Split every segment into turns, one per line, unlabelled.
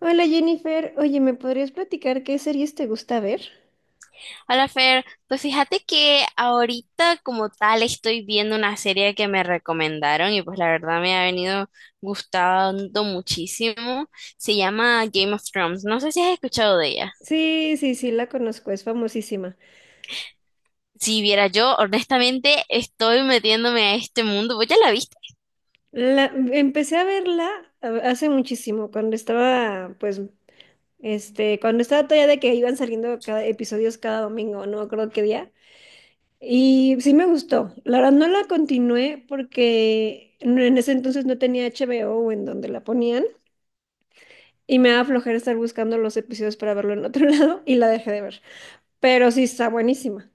Hola Jennifer, oye, ¿me podrías platicar qué series te gusta ver?
Hola Fer, pues fíjate que ahorita como tal estoy viendo una serie que me recomendaron y pues la verdad me ha venido gustando muchísimo. Se llama Game of Thrones. No sé si has escuchado de ella.
Sí, sí, sí, la conozco, es famosísima.
Si viera yo, honestamente estoy metiéndome a este mundo. ¿Vos ya la viste?
La, empecé a verla hace muchísimo, pues, cuando estaba todavía de que iban saliendo episodios cada domingo, no me acuerdo qué día. Y sí me gustó. La verdad no la continué porque en ese entonces no tenía HBO o en donde la ponían y me daba flojera estar buscando los episodios para verlo en otro lado y la dejé de ver. Pero sí está buenísima.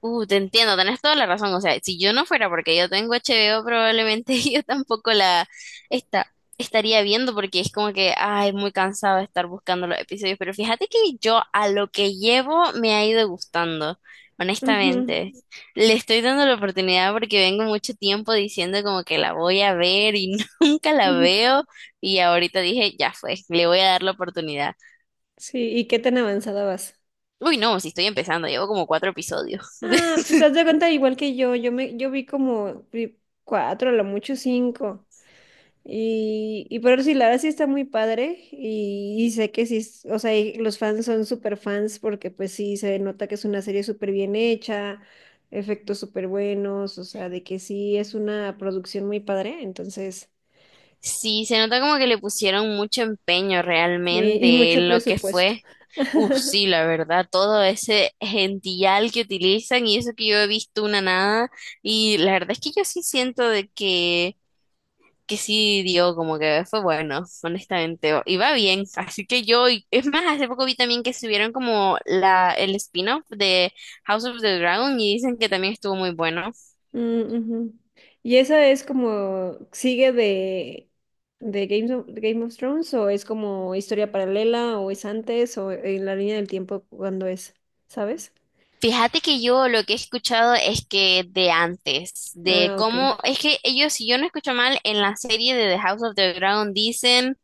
Te entiendo, tenés toda la razón. O sea, si yo no fuera porque yo tengo HBO, probablemente yo tampoco esta- estaría viendo porque es como que, ay, muy cansado de estar buscando los episodios. Pero fíjate que yo a lo que llevo me ha ido gustando,
Ujú.
honestamente. Le estoy dando la oportunidad porque vengo mucho tiempo diciendo como que la voy a ver y nunca la
Ujú.
veo. Y ahorita dije, ya fue, le voy a dar la oportunidad.
Sí, ¿y qué tan avanzada vas?
Uy, no, si estoy empezando, llevo como 4 episodios.
Ah, pues haz de cuenta igual que yo vi como vi cuatro, a lo mucho cinco. Y pero sí, la verdad sí está muy padre. Y sé que sí, o sea, y los fans son súper fans porque pues sí se nota que es una serie súper bien hecha, efectos súper buenos, o sea, de que sí es una producción muy padre, entonces,
Sí, se nota como que le pusieron mucho empeño
sí, y
realmente
mucho
en lo que
presupuesto.
fue. Uf, sí, la verdad, todo ese gentillal que utilizan y eso que yo he visto una nada. Y la verdad es que yo sí siento de que sí dio, como que fue bueno, honestamente. Y va bien, así que es más, hace poco vi también que subieron como el spin-off de House of the Dragon y dicen que también estuvo muy bueno.
Mm, ujú. ¿Y esa es como, sigue de Game of Thrones o es como historia paralela o es antes o en la línea del tiempo cuando es, ¿sabes?
Fíjate que yo lo que he escuchado es que de antes, de
Ah, ok.
cómo, es que ellos, si yo no escucho mal, en la serie de The House of the Dragon dicen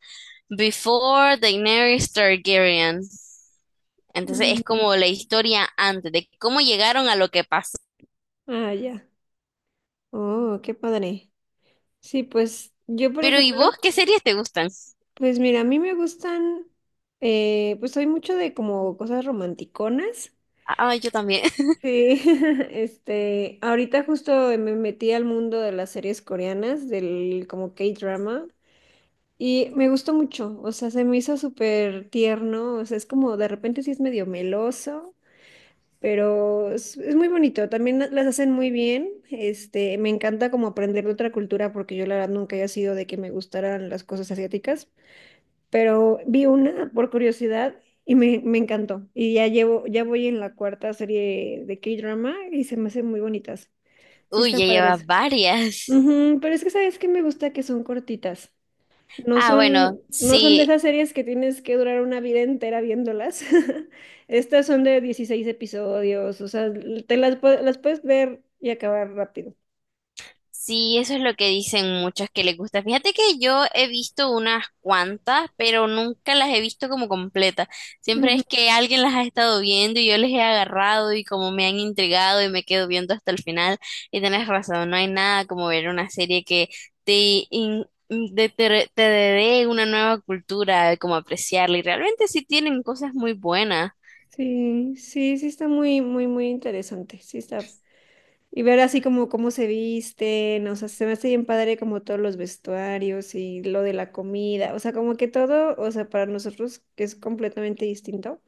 Before Daenerys Targaryen. Entonces es
Mm,
como la historia antes, de cómo llegaron a lo que pasó.
ah, ya. Oh, qué padre. Sí, pues yo, por
Pero ¿y vos
ejemplo,
qué series te gustan?
pues mira, a mí me gustan, pues soy mucho de como cosas romanticonas.
Ah, yo también.
Sí, ahorita justo me metí al mundo de las series coreanas, del como K-drama, y me gustó mucho, o sea, se me hizo súper tierno, o sea, es como de repente sí es medio meloso, pero es muy bonito, también las hacen muy bien, me encanta como aprender de otra cultura, porque yo la verdad nunca había sido de que me gustaran las cosas asiáticas pero vi una por curiosidad y me encantó. Y ya llevo, ya voy en la cuarta serie de K-drama y se me hacen muy bonitas. Sí
Uy,
están
ya llevas
padres.
varias.
Ujú, pero es que sabes que me gusta que son cortitas. No
Ah,
son,
bueno,
no son de
sí.
esas series que tienes que durar una vida entera viéndolas. Estas son de 16 episodios, o sea, las puedes ver y acabar rápido.
Sí, eso es lo que dicen muchas que les gusta. Fíjate que yo he visto unas cuantas, pero nunca las he visto como completas. Siempre
Ujú.
es que alguien las ha estado viendo y yo les he agarrado y como me han intrigado y me quedo viendo hasta el final. Y tenés razón, no hay nada como ver una serie que te, te dé una nueva cultura, como apreciarla. Y realmente sí tienen cosas muy buenas.
Sí, sí, sí está muy, muy, muy interesante. Sí está. Y ver así como cómo se visten, o sea, se me hace bien padre como todos los vestuarios y lo de la comida, o sea, como que todo, o sea, para nosotros que es completamente distinto.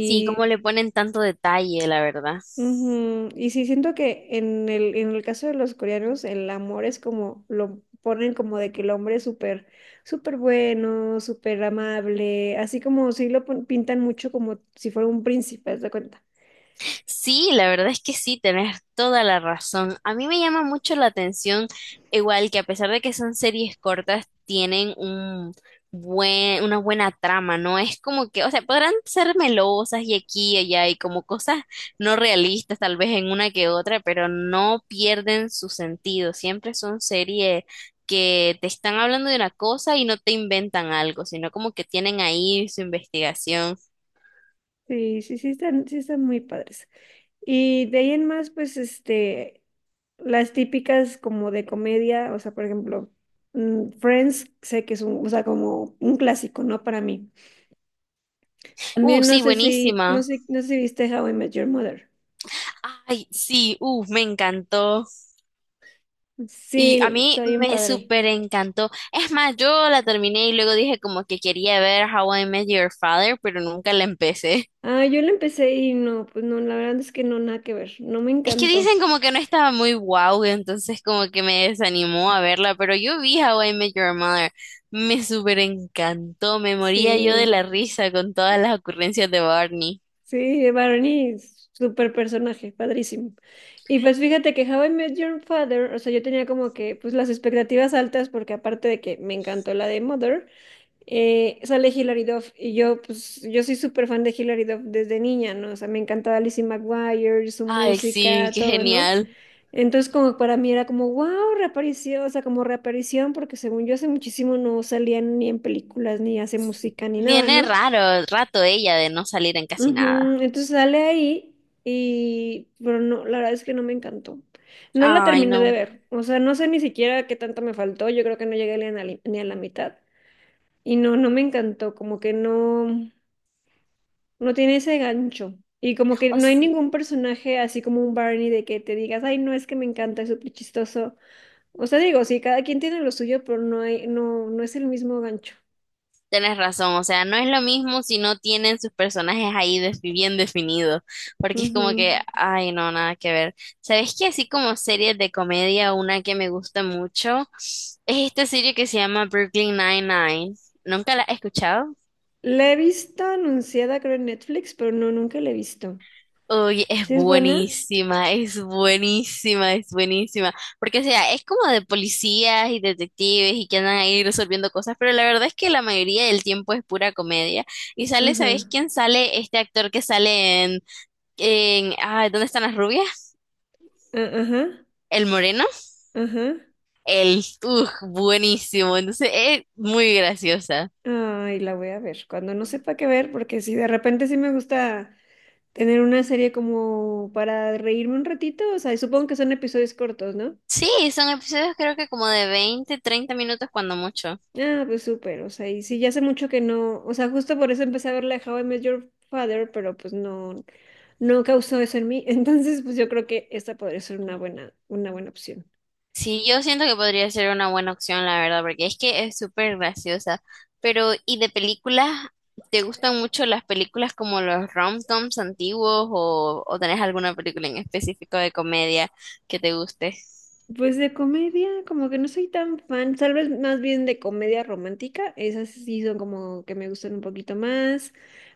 Sí, como le ponen tanto detalle, la verdad.
ujú, y sí siento que en el caso de los coreanos, el amor es como, lo ponen como de que el hombre es súper, súper bueno, súper amable, así como sí lo pintan mucho como si fuera un príncipe, ¿te das cuenta?
Sí, la verdad es que sí, tenés toda la razón. A mí me llama mucho la atención, igual que a pesar de que son series cortas, tienen un una buena trama, ¿no? Es como que, o sea, podrán ser melosas y aquí y allá y como cosas no realistas, tal vez en una que otra, pero no pierden su sentido. Siempre son series que te están hablando de una cosa y no te inventan algo, sino como que tienen ahí su investigación.
Sí, sí, sí están muy padres. Y de ahí en más, pues, las típicas como de comedia, o sea, por ejemplo, Friends, sé que es un, o sea, como un clásico, ¿no? Para mí. También no
Sí,
sé si, no
buenísima.
sé, no sé si viste How I Met Your Mother.
Ay, sí, me encantó. Y
Sí,
a mí
está bien
me
padre.
súper encantó. Es más, yo la terminé y luego dije como que quería ver How I Met Your Father, pero nunca la empecé.
Ah, yo lo empecé y no, pues no, la verdad es que no, nada que ver, no me
Es que
encantó.
dicen como que no estaba muy guau, entonces como que me desanimó a verla, pero yo vi How I Met Your Mother. Me súper encantó, me moría yo de
Sí.
la risa con todas las ocurrencias de Barney.
Sí, Barney, súper personaje, padrísimo. Y pues fíjate que How I Met Your Father, o sea, yo tenía como que pues las expectativas altas porque aparte de que me encantó la de Mother, sale Hilary Duff y yo pues yo soy súper fan de Hilary Duff desde niña, ¿no? O sea, me encantaba Lizzie McGuire, su
Ay, sí,
música,
qué
todo, ¿no?
genial.
Entonces como para mí era como, wow, reaparición, o sea, como reaparición porque según yo hace muchísimo no salían ni en películas, ni hace música, ni nada,
Tiene
¿no?
raro rato ella de no salir en casi nada.
Ujú, entonces sale ahí pero no, la verdad es que no me encantó. No la
Ay,
terminé de
no.
ver, o sea, no sé ni siquiera qué tanto me faltó, yo creo que no llegué ni a la mitad. Y no, no me encantó, como que no, no tiene ese gancho. Y como que no hay ningún personaje así como un Barney de que te digas, ay, no es que me encanta, es súper chistoso. O sea, digo, sí, cada quien tiene lo suyo, pero no hay, no, no es el mismo gancho.
Tenés razón, o sea, no es lo mismo si no tienen sus personajes bien definidos, porque es como que,
Ujú.
ay, no, nada que ver. ¿Sabes qué? Así como series de comedia, una que me gusta mucho es esta serie que se llama Brooklyn Nine-Nine. ¿Nunca la has escuchado?
La he visto anunciada, creo, en Netflix, pero no, nunca la he visto.
Uy, es
¿Sí es buena?
buenísima, es buenísima, es buenísima. Porque, o sea, es como de policías y detectives y que andan ahí resolviendo cosas, pero la verdad es que la mayoría del tiempo es pura comedia. Y sale, ¿sabes
Ajá,
quién sale? Este actor que sale ah, ¿dónde están las rubias?
ajá,
El moreno.
ajá.
El, uff, buenísimo. Entonces, es muy graciosa.
Ay, la voy a ver. Cuando no sepa qué ver, porque si de repente sí me gusta tener una serie como para reírme un ratito, o sea, y supongo que son episodios cortos, ¿no?
Sí, son episodios creo que como de 20 a 30 minutos cuando mucho.
Ah, pues súper, o sea, y sí, ya hace mucho que no, o sea, justo por eso empecé a ver la de How I Met Your Father, pero pues no, no causó eso en mí, entonces pues yo creo que esta podría ser una buena opción.
Sí, yo siento que podría ser una buena opción, la verdad, porque es que es súper graciosa. Pero, ¿y de películas? ¿Te gustan mucho las películas como los rom-coms antiguos o tenés alguna película en específico de comedia que te guste?
Pues de comedia, como que no soy tan fan, tal vez más bien de comedia romántica, esas sí son como que me gustan un poquito más,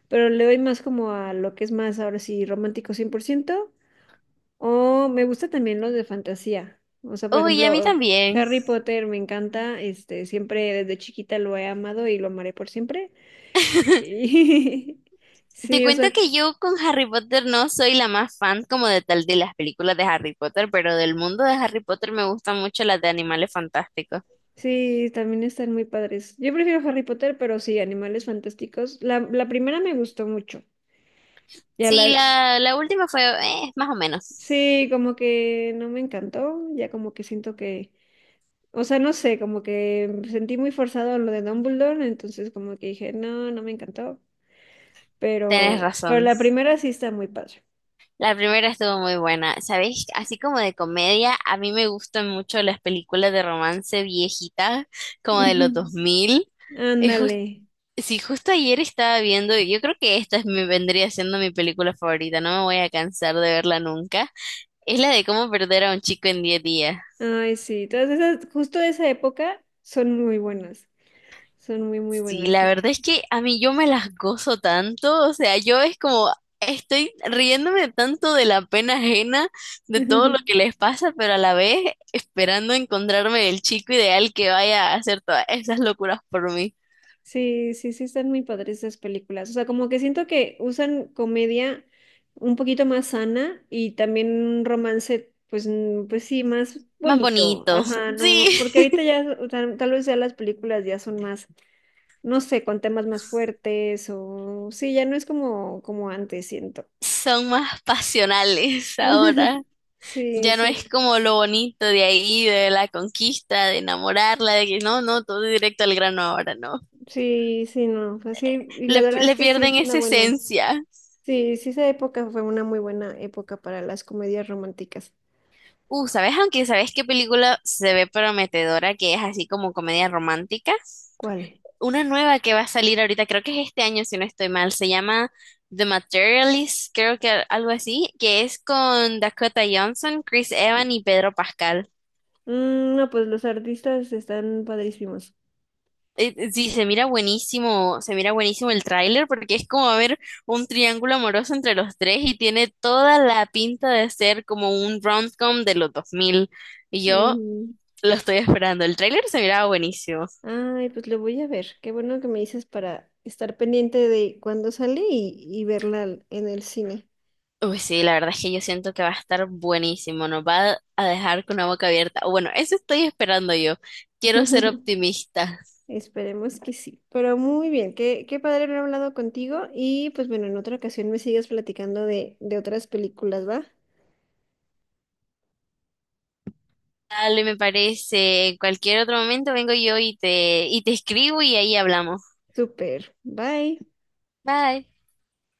pero le doy más como a lo que es más ahora sí romántico 100% o me gusta también los de fantasía, o sea, por
Uy, a mí
ejemplo,
también.
Harry Potter me encanta, siempre desde chiquita lo he amado y lo amaré por siempre. Y
Te
sí, o
cuento
sea,
que yo con Harry Potter no soy la más fan como de tal de las películas de Harry Potter, pero del mundo de Harry Potter me gustan mucho las de Animales Fantásticos.
sí, también están muy padres. Yo prefiero Harry Potter, pero sí, Animales Fantásticos. La primera me gustó mucho. Ya
Sí,
la,
la última fue más o menos.
sí, como que no me encantó, ya como que siento que, o sea, no sé, como que sentí muy forzado lo de Dumbledore, entonces como que dije, no, no me encantó,
Tenés
pero
razón.
la primera sí está muy padre.
La primera estuvo muy buena. ¿Sabéis? Así como de comedia, a mí me gustan mucho las películas de romance viejitas, como de
Ujú.
los 2000. Y jus-
Ándale.
sí, justo ayer estaba viendo, yo creo que esta es mi, vendría siendo mi película favorita, no me voy a cansar de verla nunca. Es la de cómo perder a un chico en 10 días.
Ay, sí, todas esas, justo de esa época son muy buenas, son muy, muy
Sí,
buenas.
la verdad es que a mí yo me las gozo tanto, o sea, yo es como estoy riéndome tanto de la pena ajena, de todo lo que les pasa, pero a la vez esperando encontrarme el chico ideal que vaya a hacer todas esas locuras por mí.
Sí, sí, sí, están muy padres esas películas. O sea, como que siento que usan comedia un poquito más sana y también un romance, pues, pues sí, más
Más
bonito.
bonitos,
Ajá, no, porque
sí,
ahorita ya, o sea, tal vez ya las películas ya son más, no sé, con temas más fuertes o sí, ya no es como, antes, siento.
son más pasionales ahora.
Sí,
Ya no
sí,
es como lo bonito de ahí, de la conquista, de enamorarla, de que no, no, todo directo al grano ahora, no.
sí, sí, no. Así, y
Le,
la verdad
le
es que sí
pierden
es una
esa
buena.
esencia.
Sí, sí, esa época fue una muy buena época para las comedias románticas.
¿Sabes? Aunque ¿sabes qué película se ve prometedora que es así como comedia romántica?
¿Cuál?
Una nueva que va a salir ahorita, creo que es este año si no estoy mal, se llama The Materialist, creo que algo así, que es con Dakota Johnson, Chris Evans y Pedro Pascal.
Mm, no, pues los artistas están padrísimos.
Sí, se mira buenísimo el tráiler porque es como ver un triángulo amoroso entre los tres y tiene toda la pinta de ser como un rom-com de los 2000. Y yo
Ujú.
lo estoy esperando. El tráiler se miraba buenísimo.
Ay, pues lo voy a ver. Qué bueno que me dices para estar pendiente de cuándo sale y verla en el cine.
Uy, sí, la verdad es que yo siento que va a estar buenísimo, nos va a dejar con la boca abierta. O bueno, eso estoy esperando yo. Quiero ser optimista.
Esperemos que sí. Pero muy bien, qué padre haber hablado contigo y pues bueno, en otra ocasión me sigas platicando de otras películas, ¿va?
Dale, me parece. En cualquier otro momento vengo yo y y te escribo y ahí hablamos.
Súper. Bye.
Bye.